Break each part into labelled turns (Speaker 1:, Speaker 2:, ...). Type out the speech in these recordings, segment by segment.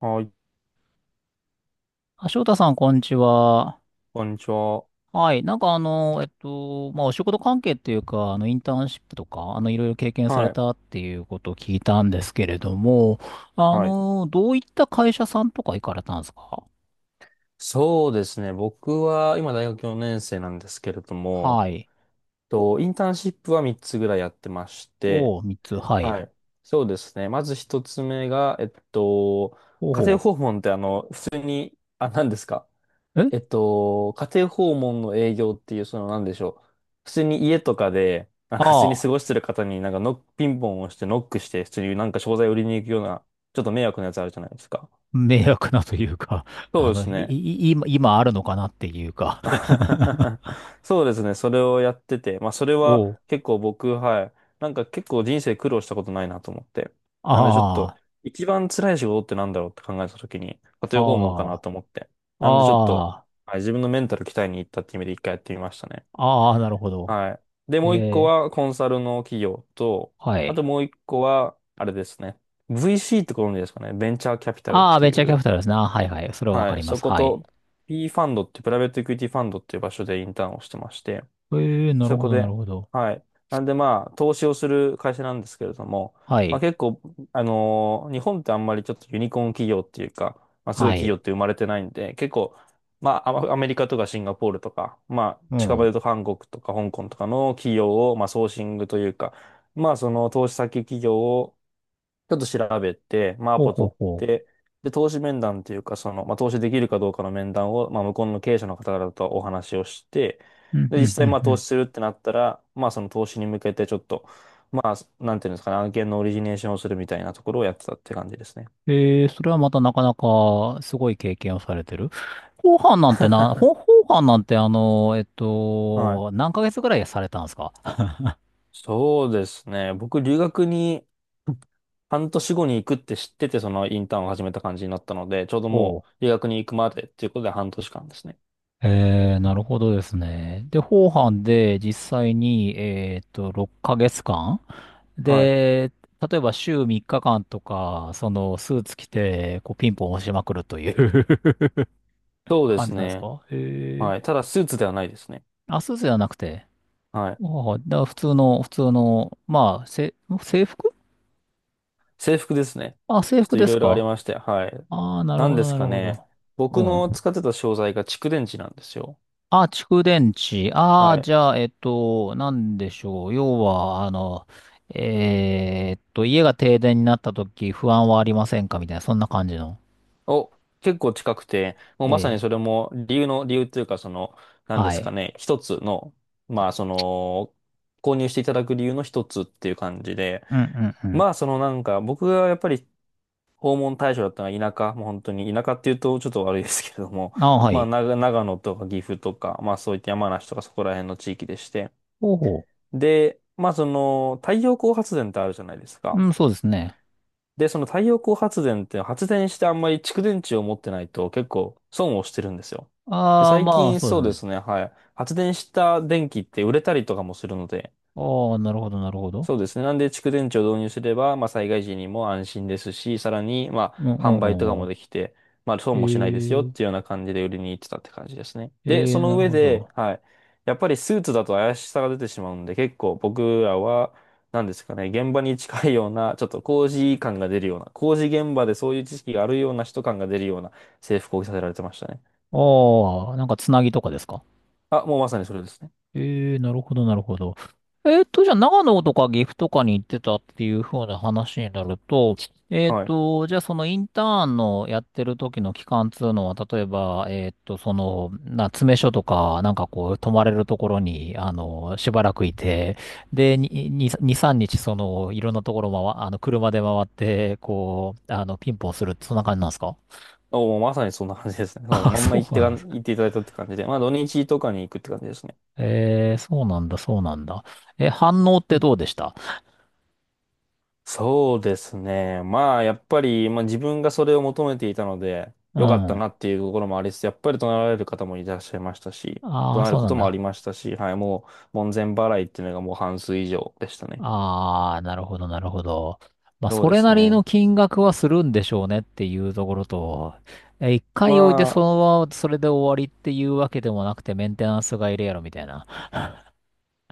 Speaker 1: はい、
Speaker 2: あ、翔太さん、こんにちは。
Speaker 1: こんにちは。
Speaker 2: はい。なんか、まあ、お仕事関係っていうか、インターンシップとか、いろいろ経験され
Speaker 1: はい、
Speaker 2: たっていうことを聞いたんですけれども、
Speaker 1: はい。
Speaker 2: どういった会社さんとか行かれたんですか？
Speaker 1: そうですね。僕は今大学4年生なんですけれど
Speaker 2: は
Speaker 1: も、
Speaker 2: い。
Speaker 1: インターンシップは3つぐらいやってまして、
Speaker 2: おう、三つ、は
Speaker 1: は
Speaker 2: い。
Speaker 1: い。そうですね。まず一つ目が、家
Speaker 2: お
Speaker 1: 庭訪
Speaker 2: う、
Speaker 1: 問って普通に、何ですか？
Speaker 2: え、
Speaker 1: 家庭訪問の営業っていう、その何でしょう。普通に家とかで、なんか普通に
Speaker 2: あ
Speaker 1: 過
Speaker 2: あ
Speaker 1: ごしてる方になんかノック、ピンポンをしてノックして、普通になんか商材売りに行くような、ちょっと迷惑なやつあるじゃないですか。
Speaker 2: ー、迷惑なというか、
Speaker 1: そうです
Speaker 2: い、
Speaker 1: ね。
Speaker 2: い、今、今あるのかなっていうか。
Speaker 1: そうですね。それをやってて、まあ、それは
Speaker 2: おー、
Speaker 1: 結構僕、はい、なんか結構人生苦労したことないなと思って。なんでちょっ
Speaker 2: あ
Speaker 1: と、
Speaker 2: あ、
Speaker 1: 一番辛い仕事ってなんだろうって考えたときに、家庭訪問かな
Speaker 2: あ
Speaker 1: と思って。なんでちょっと、
Speaker 2: あ、あ
Speaker 1: はい、自分のメンタル鍛えに行ったって意味で一回やってみましたね。
Speaker 2: あ、ああ、なるほど。
Speaker 1: はい。で、もう一個
Speaker 2: えー、
Speaker 1: はコンサルの企業と、
Speaker 2: は
Speaker 1: あ
Speaker 2: い。
Speaker 1: ともう一個は、あれですね。VC ってご存知ですかね。ベンチャーキャピタルっ
Speaker 2: ああ、
Speaker 1: て
Speaker 2: ベン
Speaker 1: い
Speaker 2: チャーキャピ
Speaker 1: う。
Speaker 2: タルですね。あ、はいはい。それはわか
Speaker 1: は
Speaker 2: り
Speaker 1: い、
Speaker 2: ま
Speaker 1: そ
Speaker 2: す。
Speaker 1: こ
Speaker 2: はい。
Speaker 1: と P ファンドってプライベートエクイティファンドっていう場所でインターンをしてまして、
Speaker 2: ええ、なる
Speaker 1: そ
Speaker 2: ほ
Speaker 1: こ
Speaker 2: ど、なる
Speaker 1: で、
Speaker 2: ほど。
Speaker 1: はい。なんでまあ、投資をする会社なんですけれども、
Speaker 2: は
Speaker 1: まあ
Speaker 2: い。
Speaker 1: 結構、日本ってあんまりちょっとユニコーン企業っていうか、まあすご
Speaker 2: は
Speaker 1: い企業
Speaker 2: い。
Speaker 1: って生まれてないんで、結構、まあアメリカとかシンガポールとか、まあ
Speaker 2: う
Speaker 1: 近場
Speaker 2: ん。
Speaker 1: で言うと韓国とか香港とかの企業を、まあソーシングというか、まあその投資先企業をちょっと調べて、まあ、ア
Speaker 2: ほう
Speaker 1: ポ
Speaker 2: ほう
Speaker 1: 取っ
Speaker 2: ほ
Speaker 1: て、で、投資面談っていうか、その、まあ、投資できるかどうかの面談を、まあ、向こうの経営者の方々とお話をして、
Speaker 2: う。うん、
Speaker 1: で、
Speaker 2: う
Speaker 1: 実
Speaker 2: ん、う
Speaker 1: 際、
Speaker 2: ん、
Speaker 1: まあ、
Speaker 2: う
Speaker 1: 投
Speaker 2: ん。
Speaker 1: 資するってなったら、まあ、その投資に向けてちょっと、まあ、なんていうんですかね、案件のオリジネーションをするみたいなところをやってたって感じですね。
Speaker 2: ええ、それはまたなかなかすごい経験をされてる。後半なんて
Speaker 1: はい。
Speaker 2: 何ヶ月ぐらいされたんですか？
Speaker 1: そうですね。僕、留学に半年後に行くって知ってて、そのインターンを始めた感じになったので、ちょうど
Speaker 2: お
Speaker 1: も
Speaker 2: う。
Speaker 1: う留学に行くまでっていうことで半年間ですね。
Speaker 2: ええ、なるほどですね。で、後半で実際に、6ヶ月間
Speaker 1: はい。
Speaker 2: で、例えば週3日間とか、そのスーツ着て、こうピンポン押しまくるという
Speaker 1: そ うで
Speaker 2: 感
Speaker 1: す
Speaker 2: じなんです
Speaker 1: ね。
Speaker 2: か？へ
Speaker 1: はい。た
Speaker 2: え。
Speaker 1: だ、スーツではないですね。
Speaker 2: あ、スーツじゃなくて。
Speaker 1: はい。
Speaker 2: ああ、だから普通の、まあ、制服。
Speaker 1: 制服ですね。
Speaker 2: あ、制
Speaker 1: ちょっ
Speaker 2: 服
Speaker 1: とい
Speaker 2: で
Speaker 1: ろ
Speaker 2: す
Speaker 1: いろあり
Speaker 2: か？
Speaker 1: まして、はい。
Speaker 2: ああ、なる
Speaker 1: なん
Speaker 2: ほ
Speaker 1: で
Speaker 2: ど、
Speaker 1: す
Speaker 2: なる
Speaker 1: か
Speaker 2: ほ
Speaker 1: ね。
Speaker 2: ど。
Speaker 1: 僕
Speaker 2: う
Speaker 1: の
Speaker 2: ん。
Speaker 1: 使ってた商材が蓄電池なんですよ。
Speaker 2: あ、蓄電池。あ
Speaker 1: は
Speaker 2: あ、
Speaker 1: い。
Speaker 2: じゃあ、なんでしょう。要は、家が停電になった時、不安はありませんかみたいな、そんな感じの。
Speaker 1: お、結構近くて、もうま
Speaker 2: え
Speaker 1: さに
Speaker 2: え、
Speaker 1: それも理由の、理由というか、その、なんで
Speaker 2: は
Speaker 1: すか
Speaker 2: い。
Speaker 1: ね。一つの、まあ、その、購入していただく理由の一つっていう感じで、
Speaker 2: うんうん、
Speaker 1: まあ、そのなんか、僕がやっぱり訪問対象だったのが田舎、もう本当に田舎っていうとちょっと悪いですけれども、
Speaker 2: あ、 は
Speaker 1: まあ
Speaker 2: い。
Speaker 1: 長野とか岐阜とか、まあそういった山梨とかそこら辺の地域でして。
Speaker 2: ほうほ
Speaker 1: で、まあその太陽光発電ってあるじゃないです
Speaker 2: う。
Speaker 1: か。
Speaker 2: うん、そうですね。
Speaker 1: で、その太陽光発電って発電してあんまり蓄電池を持ってないと結構損をしてるんですよ。で、
Speaker 2: ああ、
Speaker 1: 最
Speaker 2: まあ、
Speaker 1: 近
Speaker 2: そうで
Speaker 1: そう
Speaker 2: す
Speaker 1: で
Speaker 2: ね。
Speaker 1: すね、はい、発電した電気って売れたりとかもするので、
Speaker 2: ああ、なるほど、なるほど。
Speaker 1: そうですね。なんで、蓄電池を導入すれば、まあ、災害時にも安心ですし、さらに、ま
Speaker 2: うん、
Speaker 1: あ、
Speaker 2: うん、
Speaker 1: 販売とか
Speaker 2: うん。う
Speaker 1: も
Speaker 2: ん、
Speaker 1: できて、まあ、
Speaker 2: え
Speaker 1: 損もしないですよっ
Speaker 2: ー、
Speaker 1: ていうような感じで売りに行ってたって感じですね。
Speaker 2: え
Speaker 1: で、そ
Speaker 2: な
Speaker 1: の
Speaker 2: る
Speaker 1: 上
Speaker 2: ほ
Speaker 1: で、
Speaker 2: ど。
Speaker 1: はい、やっぱりスーツだと怪しさが出てしまうんで、結構僕らは、なんですかね、現場に近いような、ちょっと工事感が出るような、工事現場でそういう知識があるような人感が出るような制服を着させられてましたね。
Speaker 2: ああ、なんかつなぎとかですか？
Speaker 1: あ、もうまさにそれですね。
Speaker 2: ええ、なるほど、なるほど。じゃあ、長野とか岐阜とかに行ってたっていう風な話になると、
Speaker 1: はい。
Speaker 2: じゃあ、そのインターンのやってる時の期間っていうのは、例えば、詰め所とか、なんかこう、泊まれるところに、しばらくいて、で、2、3日、その、いろんなところ回、あの、車で回って、こう、ピンポンするって、そんな感じなんですか？
Speaker 1: お、もうまさにそんな感じですね。もう
Speaker 2: あ、
Speaker 1: まんま
Speaker 2: そうなんですか。
Speaker 1: 言っていただいたって感じで、まあ土日とかに行くって感じですね。
Speaker 2: ええ、そうなんだ、そうなんだ。え、反応っ
Speaker 1: う
Speaker 2: て
Speaker 1: ん、
Speaker 2: どうでした？
Speaker 1: そうですね。まあ、やっぱり、まあ、自分がそれを求めていたので、
Speaker 2: う
Speaker 1: 良かった
Speaker 2: ん。
Speaker 1: なっていうところもありつつ、やっぱり怒鳴られる方もいらっしゃいましたし、
Speaker 2: あ
Speaker 1: 怒
Speaker 2: あ、
Speaker 1: 鳴る
Speaker 2: そう
Speaker 1: こ
Speaker 2: なん
Speaker 1: ともあ
Speaker 2: だ。
Speaker 1: りましたし、はい、もう、門前払いっていうのがもう半数以上でしたね。
Speaker 2: ああ、なるほど、なるほど。まあ、
Speaker 1: そう
Speaker 2: そ
Speaker 1: で
Speaker 2: れ
Speaker 1: す
Speaker 2: なり
Speaker 1: ね。
Speaker 2: の金額はするんでしょうねっていうところと、一
Speaker 1: ま
Speaker 2: 回置いてそ
Speaker 1: あ、
Speaker 2: のままそれで終わりっていうわけでもなくて、メンテナンスがいるやろみたいな。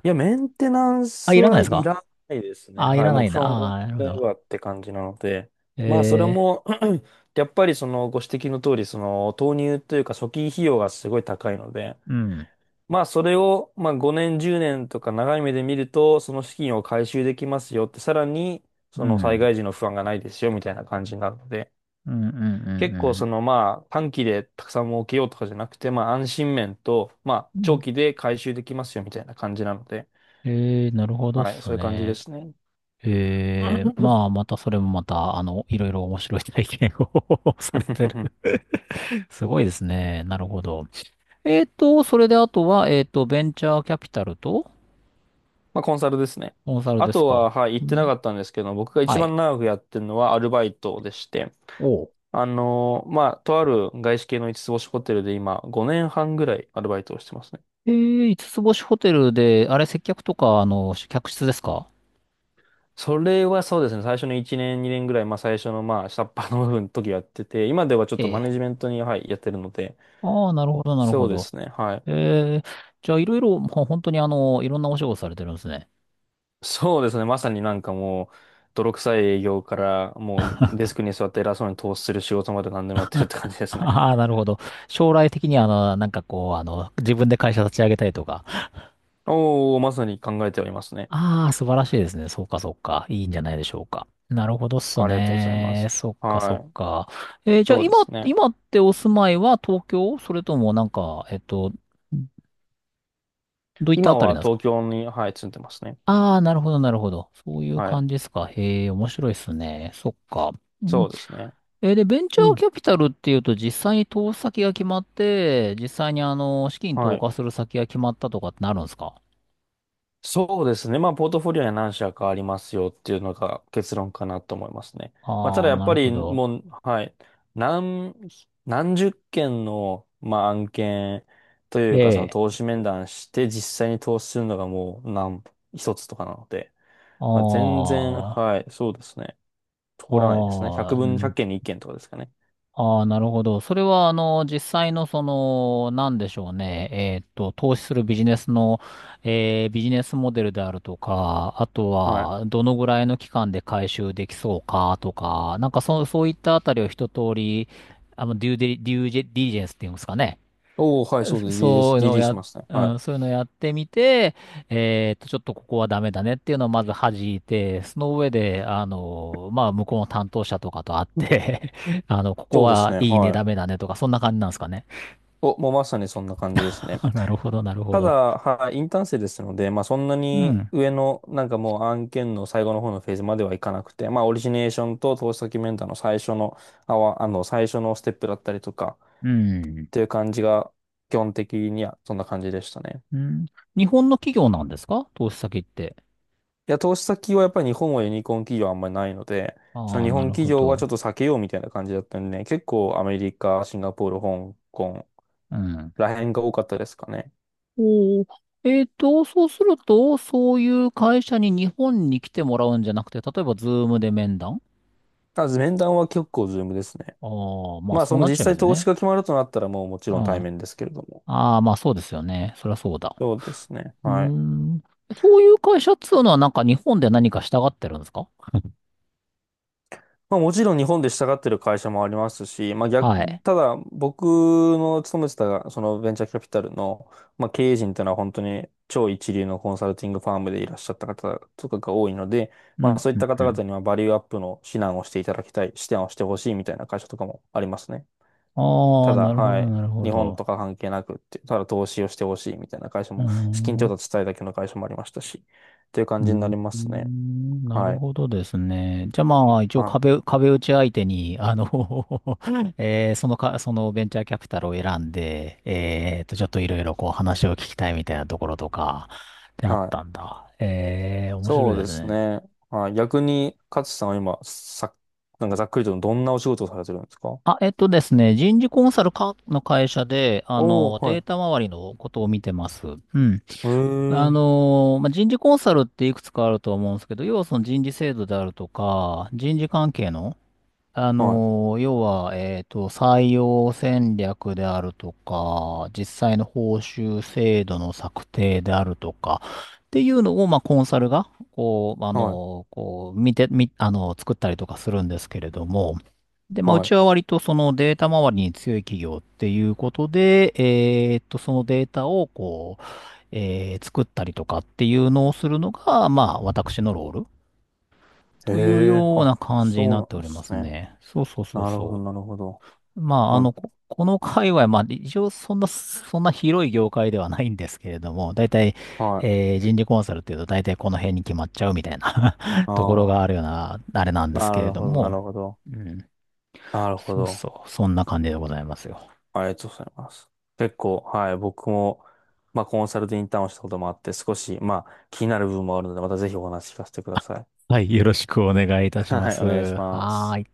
Speaker 1: いや、メンテナン
Speaker 2: あ、
Speaker 1: ス
Speaker 2: いらない
Speaker 1: は
Speaker 2: です
Speaker 1: い
Speaker 2: か？
Speaker 1: らないですね。
Speaker 2: ああ、い
Speaker 1: はい、
Speaker 2: ら
Speaker 1: も
Speaker 2: な
Speaker 1: う
Speaker 2: い
Speaker 1: 基
Speaker 2: んだ。
Speaker 1: 本終わ
Speaker 2: あ
Speaker 1: っ
Speaker 2: あ、なるほ
Speaker 1: ちゃえ
Speaker 2: ど。
Speaker 1: ばって感じなので、まあ、それも
Speaker 2: え
Speaker 1: やっぱりそのご指摘の通り、その投入というか初期費用がすごい高いので、
Speaker 2: うん、
Speaker 1: まあ、それを、まあ、5年、10年とか長い目で見ると、その資金を回収できますよって、さらに、
Speaker 2: う
Speaker 1: その災
Speaker 2: ん、
Speaker 1: 害時の不安がないですよ、みたいな感じになるので、
Speaker 2: うん、うん、うん、
Speaker 1: 結
Speaker 2: う
Speaker 1: 構、そ
Speaker 2: ん。
Speaker 1: の、まあ、短期でたくさん儲けようとかじゃなくて、まあ、安心面と、まあ、
Speaker 2: うん、
Speaker 1: 長期で回収できますよ、みたいな感じなので、
Speaker 2: なるほどっ
Speaker 1: はい、そ
Speaker 2: す
Speaker 1: ういう感じで
Speaker 2: ね。
Speaker 1: すね。
Speaker 2: ええ、まあ、またそれもまた、いろいろ面白い体験を されてる。 すごいですね。なるほど。それであとは、ベンチャーキャピタルと。
Speaker 1: まあ、コンサルですね。
Speaker 2: コンサル
Speaker 1: あ
Speaker 2: です
Speaker 1: とは、
Speaker 2: か？
Speaker 1: はい、言
Speaker 2: う
Speaker 1: ってな
Speaker 2: ん、
Speaker 1: かったんですけど、僕が一
Speaker 2: はい。
Speaker 1: 番長くやってるのはアルバイトでして、
Speaker 2: おう。
Speaker 1: まあ、とある外資系の五つ星ホテルで今、5年半ぐらいアルバイトをしてますね。
Speaker 2: ええ、五つ星ホテルで、あれ、接客とか、客室ですか？
Speaker 1: それはそうですね、最初の1年、2年ぐらい、まあ、最初の、まあ、下っ端の部分の時やってて、今ではちょっとマ
Speaker 2: え
Speaker 1: ネ
Speaker 2: え。
Speaker 1: ジメントに、はい、やってるので、
Speaker 2: ああ、なるほど、なる
Speaker 1: そ
Speaker 2: ほ
Speaker 1: うで
Speaker 2: ど。
Speaker 1: すね、はい。
Speaker 2: ええ、じゃあ、いろいろ、本当にいろんなお仕事されてるんですね。
Speaker 1: そうですね、まさになんかもう、泥臭い営業から、もう、デスクに座って偉そうに投資する仕事まで何でもやってるって感じで すね。
Speaker 2: ああ、なるほど。将来的には、なんかこう、自分で会社立ち上げたりとか。
Speaker 1: おー、まさに考えておりますね。
Speaker 2: ああ、素晴らしいですね。そうか、そうか。いいんじゃないでしょうか。なるほどっす
Speaker 1: ありがとうございま
Speaker 2: ね。
Speaker 1: す。
Speaker 2: そっか、そっ
Speaker 1: はい。
Speaker 2: か。じゃあ、
Speaker 1: そう
Speaker 2: 今、
Speaker 1: ですね。
Speaker 2: 今ってお住まいは東京、それともなんか、どういった
Speaker 1: 今
Speaker 2: あたり
Speaker 1: は
Speaker 2: なんです
Speaker 1: 東
Speaker 2: か？
Speaker 1: 京に、はい、住んでますね。
Speaker 2: ああー、なるほど、なるほど。そういう
Speaker 1: はい。
Speaker 2: 感じですか。へえ、面白いっすね。そっか。うん、
Speaker 1: そうですね。
Speaker 2: で、ベンチ
Speaker 1: う
Speaker 2: ャーキ
Speaker 1: ん。
Speaker 2: ャピタルっていうと、実際に投資先が決まって、実際に資金
Speaker 1: は
Speaker 2: 投
Speaker 1: い。
Speaker 2: 下する先が決まったとかってなるんですか？
Speaker 1: そうですね。まあ、ポートフォリオには何社かありますよっていうのが結論かなと思いますね。まあ、た
Speaker 2: あ
Speaker 1: だ
Speaker 2: あー、
Speaker 1: やっ
Speaker 2: な
Speaker 1: ぱ
Speaker 2: るほ
Speaker 1: り
Speaker 2: ど。
Speaker 1: もう、はい、何、何十件の、まあ、案件とい
Speaker 2: え
Speaker 1: うか、その
Speaker 2: え。
Speaker 1: 投資面談して実際に投資するのがもう一つとかなので、まあ、
Speaker 2: あ
Speaker 1: 全然、
Speaker 2: あ。
Speaker 1: はい。そうですね、通らないですね。
Speaker 2: あ
Speaker 1: 100
Speaker 2: あ、う
Speaker 1: 分、1
Speaker 2: ん、
Speaker 1: 件に1件とかですかね。
Speaker 2: ああ、なるほど。それは、実際の、その、なんでしょうね。投資するビジネスの、ビジネスモデルであるとか、あと
Speaker 1: はい。
Speaker 2: は、どのぐらいの期間で回収できそうかとか、なんか、そう、そういったあたりを一通り、デュージェディリジェンスっていうんですかね。
Speaker 1: おー、はい、そうです。
Speaker 2: そう いうのを
Speaker 1: DD
Speaker 2: や、
Speaker 1: しますね。
Speaker 2: う
Speaker 1: は
Speaker 2: ん、
Speaker 1: い。
Speaker 2: そういうのをやってみて、ちょっとここはダメだねっていうのをまず弾いて、その上で、まあ、向こうの担当者とかと会っ
Speaker 1: うん、
Speaker 2: て ここ
Speaker 1: そうです
Speaker 2: は
Speaker 1: ね。
Speaker 2: いいね、
Speaker 1: は
Speaker 2: ダメ
Speaker 1: い。
Speaker 2: だねとか、そんな感じなんですかね。
Speaker 1: お、もうまさにそんな感じです ね。
Speaker 2: あ、なるほど、なるほ
Speaker 1: ただ、
Speaker 2: ど。
Speaker 1: はい、インターン生ですので、まあそんな
Speaker 2: う
Speaker 1: に
Speaker 2: ん、
Speaker 1: 上の、なんかもう案件の最後の方のフェーズまではいかなくて、まあオリジネーションと投資先メンターの最初の、あわ、あの、最初のステップだったりとか、
Speaker 2: う
Speaker 1: っ
Speaker 2: ん、
Speaker 1: ていう感じが、基本的にはそんな感じでしたね。
Speaker 2: うん。日本の企業なんですか？投資先って。
Speaker 1: いや、投資先はやっぱり日本はユニコーン企業あんまりないので、そ
Speaker 2: あ
Speaker 1: の
Speaker 2: あ、
Speaker 1: 日
Speaker 2: な
Speaker 1: 本
Speaker 2: る
Speaker 1: 企
Speaker 2: ほ
Speaker 1: 業はちょっ
Speaker 2: ど。
Speaker 1: と避けようみたいな感じだったんでね、結構アメリカ、シンガポール、香港
Speaker 2: うん。
Speaker 1: ら辺が多かったですかね。
Speaker 2: おお。そうすると、そういう会社に日本に来てもらうんじゃなくて、例えば、ズームで面談。
Speaker 1: ただ面談は結構ズームですね。
Speaker 2: ああ、まあ
Speaker 1: まあ、そ
Speaker 2: そう
Speaker 1: の
Speaker 2: なっ
Speaker 1: 実
Speaker 2: ちゃいま
Speaker 1: 際
Speaker 2: す
Speaker 1: 投資
Speaker 2: ね。
Speaker 1: が決まるとなったらもうもち
Speaker 2: うん。
Speaker 1: ろん対
Speaker 2: あ
Speaker 1: 面ですけれども。
Speaker 2: あ、まあそうですよね。そりゃそうだ。
Speaker 1: そうですね。
Speaker 2: うー
Speaker 1: はい。
Speaker 2: ん。そういう会社っつうのはなんか日本で何かしたがってるんですか？
Speaker 1: まあ、もちろん日本で従ってる会社もありますし、まあ逆、
Speaker 2: はい。
Speaker 1: ただ僕の勤めてたそのベンチャーキャピタルの、まあ、経営陣というのは本当に超一流のコンサルティングファームでいらっしゃった方とかが多いので、
Speaker 2: うん、
Speaker 1: まあそうい
Speaker 2: う
Speaker 1: っ
Speaker 2: ん、
Speaker 1: た
Speaker 2: う
Speaker 1: 方
Speaker 2: ん。
Speaker 1: 々にはバリューアップの指南をしていただきたい、指南をしてほしいみたいな会社とかもありますね。
Speaker 2: あ
Speaker 1: た
Speaker 2: あ、
Speaker 1: だ、
Speaker 2: なるほ
Speaker 1: は
Speaker 2: ど、
Speaker 1: い、
Speaker 2: なるほ
Speaker 1: 日本
Speaker 2: ど。
Speaker 1: とか関係なくって、ただ投資をしてほしいみたいな会社
Speaker 2: うー
Speaker 1: も、資金調
Speaker 2: ん。
Speaker 1: 達したいだけの会社もありましたし、という感
Speaker 2: う
Speaker 1: じになりま
Speaker 2: ー
Speaker 1: すね。
Speaker 2: ん、なる
Speaker 1: はい。
Speaker 2: ほどですね。じゃあまあ、一応
Speaker 1: は
Speaker 2: 壁打ち相手に、えーそのか、そのベンチャーキャピタルを選んで、ちょっといろいろこう話を聞きたいみたいなところとか、で
Speaker 1: い。
Speaker 2: あっ
Speaker 1: はい。
Speaker 2: たんだ。面白い
Speaker 1: そう
Speaker 2: で
Speaker 1: で
Speaker 2: す
Speaker 1: す
Speaker 2: ね。
Speaker 1: ね。はい。逆に、勝さんは今、なんかざっくりとどんなお仕事をされてるんですか？
Speaker 2: あ、えっとですね、人事コンサルかの会社で、
Speaker 1: おー、
Speaker 2: デー
Speaker 1: は
Speaker 2: タ周りのことを見てます。うん。
Speaker 1: い。へえ。
Speaker 2: まあ、人事コンサルっていくつかあると思うんですけど、要はその人事制度であるとか、人事関係の、
Speaker 1: はい。
Speaker 2: 要は、採用戦略であるとか、実際の報酬制度の策定であるとか、っていうのを、まあ、コンサルが、こう、
Speaker 1: はい。
Speaker 2: 見て、み、あの、作ったりとかするんですけれども、で、まあ、うち
Speaker 1: は
Speaker 2: は割とそのデータ周りに強い企業っていうことで、そのデータを、こう、作ったりとかっていうのをするのが、まあ、私のロール
Speaker 1: い。へ
Speaker 2: という
Speaker 1: え。
Speaker 2: よう
Speaker 1: あ、
Speaker 2: な感じに
Speaker 1: そう
Speaker 2: なっ
Speaker 1: な
Speaker 2: て
Speaker 1: ん
Speaker 2: お
Speaker 1: で
Speaker 2: りま
Speaker 1: す
Speaker 2: す
Speaker 1: ね。
Speaker 2: ね。そうそうそう
Speaker 1: なるほど、
Speaker 2: そ
Speaker 1: なるほど。
Speaker 2: う。まあ、
Speaker 1: ま
Speaker 2: この界隈、まあ、一応そんな広い業界ではないんですけれども、大体、
Speaker 1: はい。
Speaker 2: 人事コンサルっていうと大体この辺に決まっちゃうみたいな
Speaker 1: あ
Speaker 2: ところがあるよう
Speaker 1: あ。
Speaker 2: な、あれなんです
Speaker 1: な
Speaker 2: けれ
Speaker 1: る
Speaker 2: ど
Speaker 1: ほど、な
Speaker 2: も、
Speaker 1: るほど。
Speaker 2: うん。
Speaker 1: なるほ
Speaker 2: そう
Speaker 1: ど。
Speaker 2: そう、そんな感じでございますよ。
Speaker 1: ありがとうございます。結構、はい、僕も、まあ、コンサルでインターンをしたこともあって、少し、まあ、気になる部分もあるので、またぜひお話聞かせてください。
Speaker 2: はい、よろしくお願いいたしま
Speaker 1: はい、
Speaker 2: す。
Speaker 1: お願いしま
Speaker 2: は
Speaker 1: す。
Speaker 2: ーい。